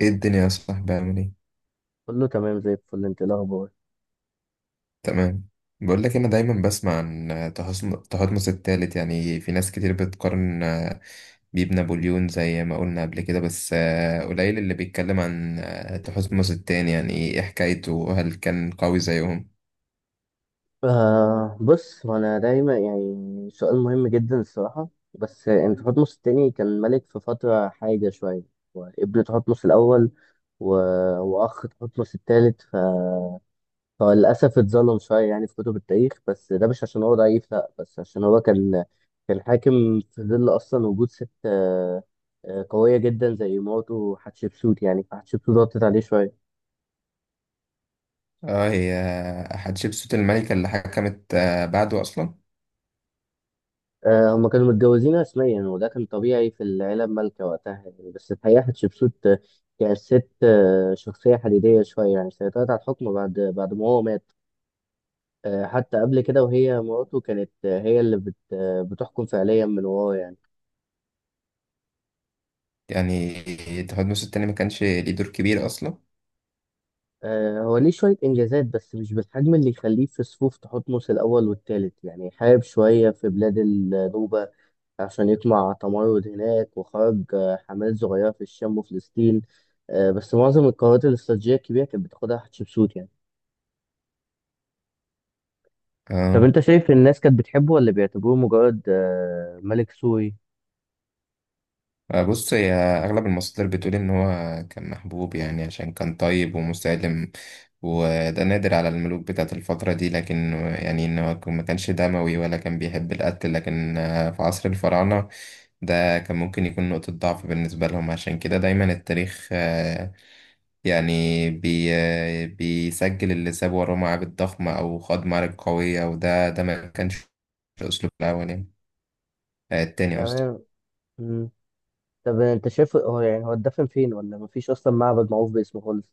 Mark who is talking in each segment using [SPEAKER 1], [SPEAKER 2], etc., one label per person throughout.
[SPEAKER 1] ايه الدنيا يا صاحبي؟ عامل ايه؟
[SPEAKER 2] كله تمام زي الفل. انت ايه الاخبار؟
[SPEAKER 1] تمام. بقول لك، انا دايما بسمع عن تهطمس الثالث. يعني في ناس كتير بتقارن بيه بنابليون زي ما قلنا قبل كده، بس قليل اللي بيتكلم عن تهصمس التاني. يعني ايه حكايته؟ هل كان قوي زيهم؟
[SPEAKER 2] آه، بص، وانا دايما يعني سؤال مهم جدا الصراحه. بس انت حتمس التاني كان ملك في فتره حاجه شويه، وابن تحتمس الاول و... واخ تحتمس التالت. فللاسف اتظلم شويه يعني في كتب التاريخ، بس ده مش عشان هو ضعيف. لا، بس عشان هو كان حاكم في ظل اصلا وجود ست قويه جدا زي مراته حتشبسوت. يعني فحتشبسوت ضغطت عليه شويه.
[SPEAKER 1] اه، هي حتشبسوت الملكة اللي حكمت بعده اصلا.
[SPEAKER 2] هما كانوا متجوزين رسميا، وده كان طبيعي في العيلة المالكة وقتها يعني. بس الحقيقة حتشبسوت كانت ست شخصية حديدية شوية. يعني سيطرت على الحكم بعد ما هو مات، حتى قبل كده وهي مراته كانت هي اللي بت آه، بتحكم فعليا من وراه يعني.
[SPEAKER 1] يعني تهطمس التاني ما كانش ليه دور كبير اصلا؟
[SPEAKER 2] هو ليه شوية إنجازات بس مش بالحجم اللي يخليه في صفوف تحتمس الأول والتالت. يعني حارب شوية في بلاد النوبة عشان يطمع تمرد هناك، وخرج حملات صغيرة في الشام وفلسطين. بس معظم القرارات الاستراتيجية الكبيرة كانت بتاخدها حتشبسوت يعني. طب
[SPEAKER 1] اه.
[SPEAKER 2] أنت شايف الناس كانت بتحبه ولا بيعتبروه مجرد ملك سوري؟
[SPEAKER 1] بص، هي أغلب المصادر بتقول إن هو كان محبوب، يعني عشان كان طيب ومسالم، وده نادر على الملوك بتاعت الفترة دي. لكن يعني إن هو ما كانش دموي ولا كان بيحب القتل، لكن في عصر الفراعنة ده كان ممكن يكون نقطة ضعف بالنسبة لهم. عشان كده دايما التاريخ آه، يعني بي آه، بيسجل اللي ساب وراه معابد ضخمة أو خاض معارك قوية، وده ما كانش أسلوب الأول، يعني التاني قصدي.
[SPEAKER 2] تمام. مم. طب أنت شايف هو يعني هو اتدفن فين، ولا مفيش أصلا معبد معروف باسمه خالص؟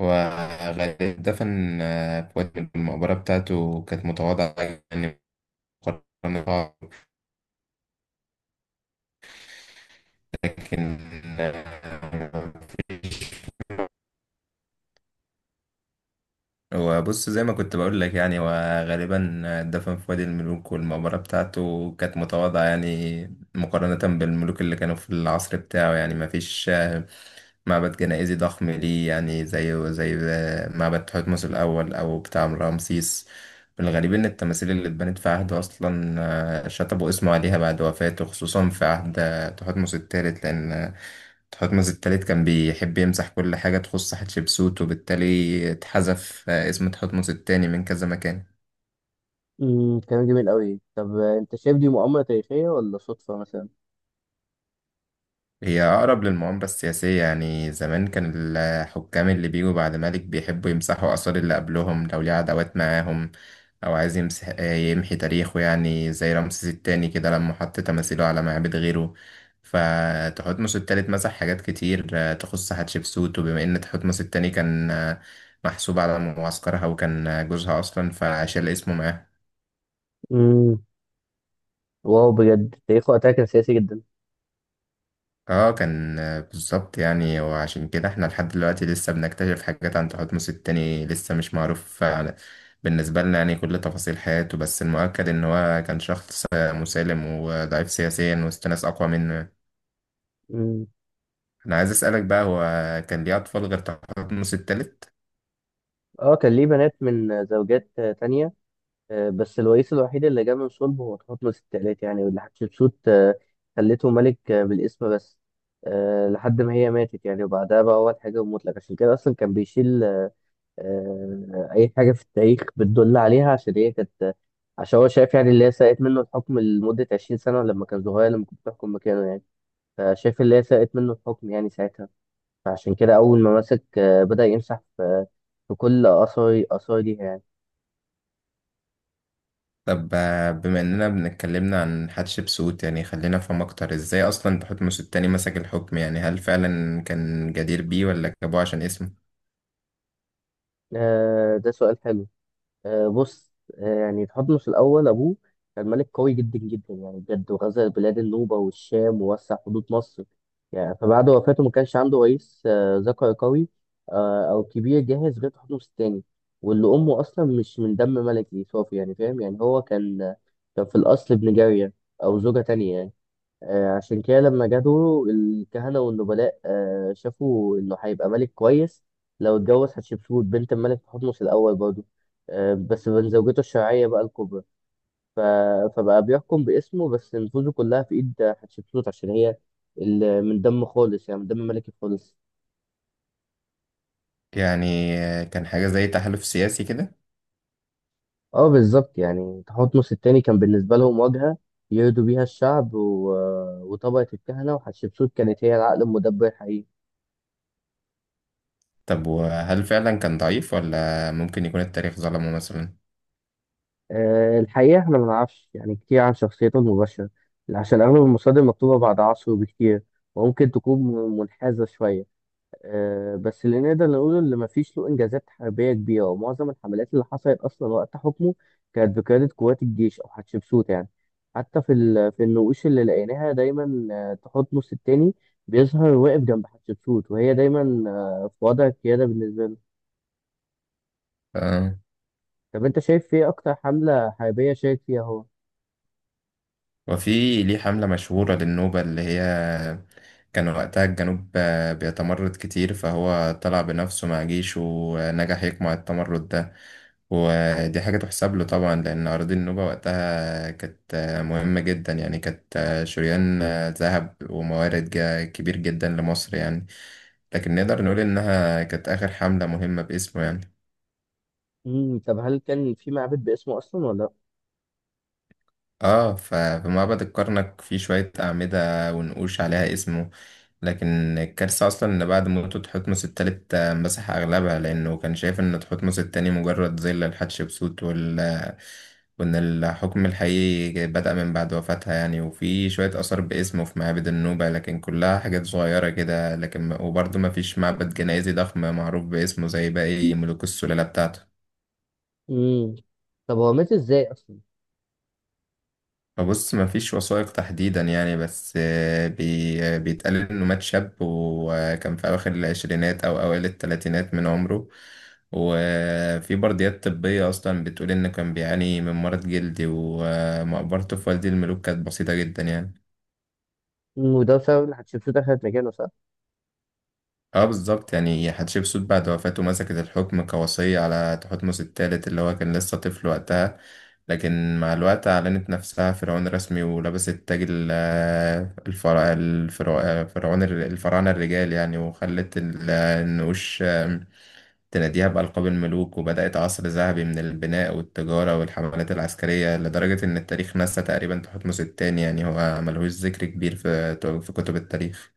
[SPEAKER 1] وغالبا دفن في وجه، المقبرة بتاعته كانت متواضعة يعني مقارنة. لكن آه، هو بص زي ما كنت بقول لك، يعني هو غالبا دفن في وادي الملوك، والمقبرة بتاعته كانت متواضعة يعني مقارنة بالملوك اللي كانوا في العصر بتاعه. يعني ما فيش معبد جنائزي ضخم ليه، يعني زي معبد تحتمس الأول أو بتاع رمسيس. الغريب إن التماثيل اللي اتبنت في عهده أصلا، شطبوا اسمه عليها بعد وفاته، خصوصا في عهد تحتمس الثالث، لأن تحتمس التالت كان بيحب يمسح كل حاجة تخص حتشبسوت، وبالتالي اتحذف اسم تحتمس التاني من كذا مكان.
[SPEAKER 2] كلام جميل قوي. طب أنت شايف دي مؤامرة تاريخية ولا صدفة مثلا؟
[SPEAKER 1] هي أقرب للمؤامرة السياسية. يعني زمان كان الحكام اللي بيجوا بعد ملك بيحبوا يمسحوا آثار اللي قبلهم لو ليه عداوات معاهم، أو عايز يمحي تاريخه، يعني زي رمسيس التاني كده لما حط تماثيله على معابد غيره. فتحتمس التالت مسح حاجات كتير تخص حتشبسوت، وبما إن تحتمس التاني كان محسوب على معسكرها وكان جوزها أصلا، فشال اسمه معاهم.
[SPEAKER 2] امم واو، بجد تاريخه وقتها كان سياسي جدا.
[SPEAKER 1] اه، كان بالظبط يعني. وعشان كده احنا لحد دلوقتي لسه بنكتشف حاجات عن تحتمس التاني، لسه مش معروف بالنسبة لنا يعني كل تفاصيل حياته، بس المؤكد ان هو كان شخص مسالم وضعيف سياسيا وسط ناس اقوى منه.
[SPEAKER 2] امم
[SPEAKER 1] انا عايز اسألك بقى، هو كان ليه اطفال غير تحتمس التالت؟
[SPEAKER 2] اه، كان ليه بنات من زوجات تانية، بس الرئيس الوحيد اللي جه من صلب هو تحتمس التالت. يعني واللي حتشبسوت خلته ملك بالاسم بس لحد ما هي ماتت. يعني وبعدها بقى هو الحاجة المطلق، عشان كده أصلا كان بيشيل أي حاجة في التاريخ بتدل عليها عشان هي كانت. عشان هو شايف يعني اللي هي سرقت منه الحكم لمدة 20 سنة لما كان صغير، لما كنت بتحكم مكانه يعني. فشايف اللي هي سرقت منه الحكم يعني ساعتها. فعشان كده أول ما مسك بدأ يمسح في كل آثار ليها يعني.
[SPEAKER 1] طب بما اننا بنتكلمنا عن حتشبسوت، يعني خلينا نفهم اكتر ازاي اصلا تحتمس التاني مسك الحكم. يعني هل فعلا كان جدير بيه ولا جابوه عشان اسمه؟
[SPEAKER 2] ده سؤال حلو. بص، يعني تحتمس الأول أبوه كان ملك قوي جدا جدا. يعني بجد، وغزا بلاد النوبة والشام ووسع حدود مصر. يعني فبعد وفاته ما كانش عنده رئيس ذكر قوي أو كبير جاهز غير تحتمس التاني، واللي أمه أصلا مش من دم ملكي صافي. يعني فاهم، يعني هو كان كان في الأصل ابن جارية أو زوجة تانية يعني. عشان كده لما جاله الكهنة والنبلاء، شافوا إنه هيبقى ملك كويس لو اتجوز حتشبسوت بنت الملك تحتمس الأول برضه، بس من زوجته الشرعية بقى الكبرى. ف- فبقى بيحكم باسمه، بس نفوذه كلها في إيد حتشبسوت عشان هي من دم خالص، يعني من دم ملكي خالص.
[SPEAKER 1] يعني كان حاجة زي تحالف سياسي كده؟
[SPEAKER 2] اه بالظبط، يعني تحتمس التاني كان بالنسبة لهم واجهة يرضوا بيها الشعب وطبقة الكهنة، وحتشبسوت كانت هي العقل المدبر الحقيقي.
[SPEAKER 1] طب وهل فعلا كان ضعيف ولا ممكن يكون التاريخ ظلمه مثلا؟
[SPEAKER 2] الحقيقة احنا ما نعرفش يعني كتير عن شخصيته المباشرة، عشان أغلب المصادر مكتوبة بعد عصره بكتير، وممكن تكون منحازة شوية. بس اللي نقدر نقوله إن مفيش له إنجازات حربية كبيرة، ومعظم الحملات اللي حصلت أصلا وقت حكمه كانت بقيادة قوات الجيش أو حتشبسوت يعني. حتى في النقوش اللي لقيناها، دايما تحتمس التاني بيظهر واقف جنب حتشبسوت، وهي دايما في وضع القيادة بالنسبة له.
[SPEAKER 1] آه.
[SPEAKER 2] طب أنت شايف إيه أكتر حملة حربية شارك فيها هو؟
[SPEAKER 1] وفي ليه حملة مشهورة للنوبة، اللي هي كان وقتها الجنوب بيتمرد كتير، فهو طلع بنفسه مع جيشه ونجح يقمع التمرد ده. ودي حاجة تحسب له طبعا، لأن أراضي النوبة وقتها كانت مهمة جدا، يعني كانت شريان ذهب وموارد كبير جدا لمصر يعني. لكن نقدر نقول إنها كانت آخر حملة مهمة باسمه يعني.
[SPEAKER 2] طب هل كان في معبد باسمه اصلا ولا لا؟
[SPEAKER 1] اه، ففي معبد الكرنك في شوية أعمدة ونقوش عليها اسمه، لكن الكارثة أصلا إن بعد موته تحتمس التالت مسح أغلبها، لأنه كان شايف إن تحتمس التاني مجرد ظل لحتشبسوت، وإن الحكم الحقيقي بدأ من بعد وفاتها يعني. وفي شوية آثار باسمه في معابد النوبة لكن كلها حاجات صغيرة كده، لكن وبرضه مفيش معبد جنائزي ضخم معروف باسمه زي باقي ملوك السلالة بتاعته.
[SPEAKER 2] امم طب هو مات ازاي اصلا؟
[SPEAKER 1] بص مفيش وثائق تحديدا يعني، بس آه، بي آه، بيتقال انه مات شاب وكان في اواخر العشرينات او اوائل الثلاثينات من عمره. وفي برديات طبية اصلا بتقول انه كان بيعاني من مرض جلدي، ومقبرته في وادي الملوك كانت بسيطة جدا يعني.
[SPEAKER 2] وده بسبب ان حتشبسوت اخذت مكانه، صح؟
[SPEAKER 1] اه بالظبط، يعني حتشبسوت بعد وفاته مسكت الحكم كوصية على تحتمس الثالث اللي هو كان لسه طفل وقتها، لكن مع الوقت أعلنت نفسها فرعون رسمي، ولبست تاج ال- آه، الفرع الفرع الفرعون الفراعنة الرجال يعني، وخلت النقوش تناديها بألقاب الملوك، وبدأت عصر ذهبي من البناء والتجارة والحملات العسكرية، لدرجة إن التاريخ نسى تقريبا تحتمس التاني يعني. هو ملهوش ذكر كبير في كتب التاريخ.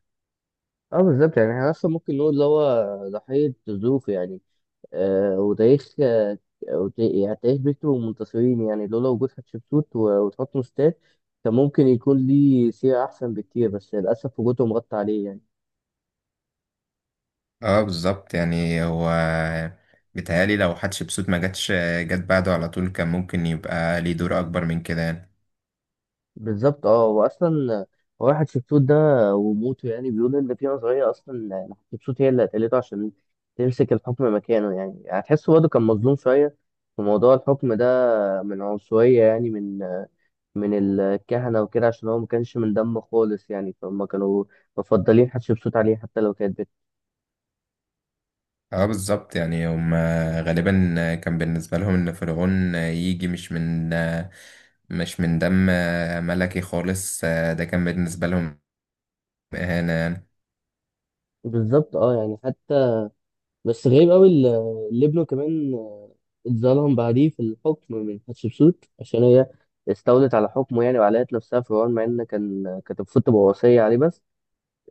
[SPEAKER 2] اه بالظبط، يعني احنا اصلا ممكن نقول اللي هو ضحيه ظروفه يعني. آه وتاريخ آه يعني تاريخ بيته ومنتصرين. يعني لولا وجود حتشبسوت وتحتمس تاني كان ممكن يكون ليه سيره احسن بكتير، بس للاسف وجودهم غطى عليه يعني.
[SPEAKER 1] اه بالظبط، يعني هو بيتهيألي لو حتشبسوت ما جاتش جت بعده على طول، كان ممكن يبقى ليه دور أكبر من كده يعني.
[SPEAKER 2] بالظبط اه، واصلا واحد شبسوت ده وموته، يعني بيقول ان في نظريه اصلا إن شبسوت هي اللي قتلته عشان تمسك الحكم مكانه يعني. هتحسه برضه كان مظلوم شويه في موضوع الحكم ده، من عنصريه يعني، من الكهنه وكده، عشان هو ما كانش من دمه خالص يعني. فهم كانوا مفضلين حتشبسوت عليه، حتى لو كانت
[SPEAKER 1] اه بالظبط، يعني هم غالبا كان بالنسبة لهم ان فرعون يجي مش من دم ملكي خالص، ده كان بالنسبة لهم إهانة يعني.
[SPEAKER 2] بالظبط اه، يعني بس غريب قوي اللي ابنه كمان اتظلم بعديه في الحكم من حتشبسوت، عشان هي استولت على حكمه. يعني وعلقت نفسها في العون، مع ان كانت المفروض تبقى وصية عليه بس.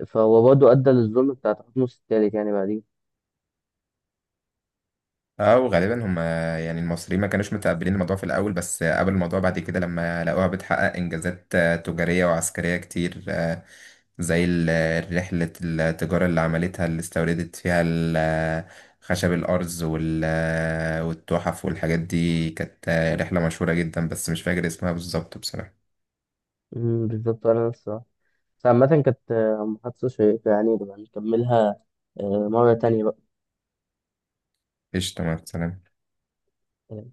[SPEAKER 2] فهو برضه أدى للظلم بتاع تحتمس التالت يعني بعديه.
[SPEAKER 1] اه وغالبا هم يعني المصريين ما كانوش متقبلين الموضوع في الاول، بس قبل الموضوع بعد كده لما لقوها بتحقق انجازات تجاريه وعسكريه كتير. زي رحله التجاره اللي عملتها، اللي استوردت فيها خشب الارز والتحف والحاجات دي، كانت رحله مشهوره جدا، بس مش فاكر اسمها بالظبط بصراحه.
[SPEAKER 2] بالظبط. أنا نفس الصراحة. بس عامة كانت محادثة شيقة. يعني نبقى نكملها مرة تانية
[SPEAKER 1] قشطه، مع السلامه.
[SPEAKER 2] بقى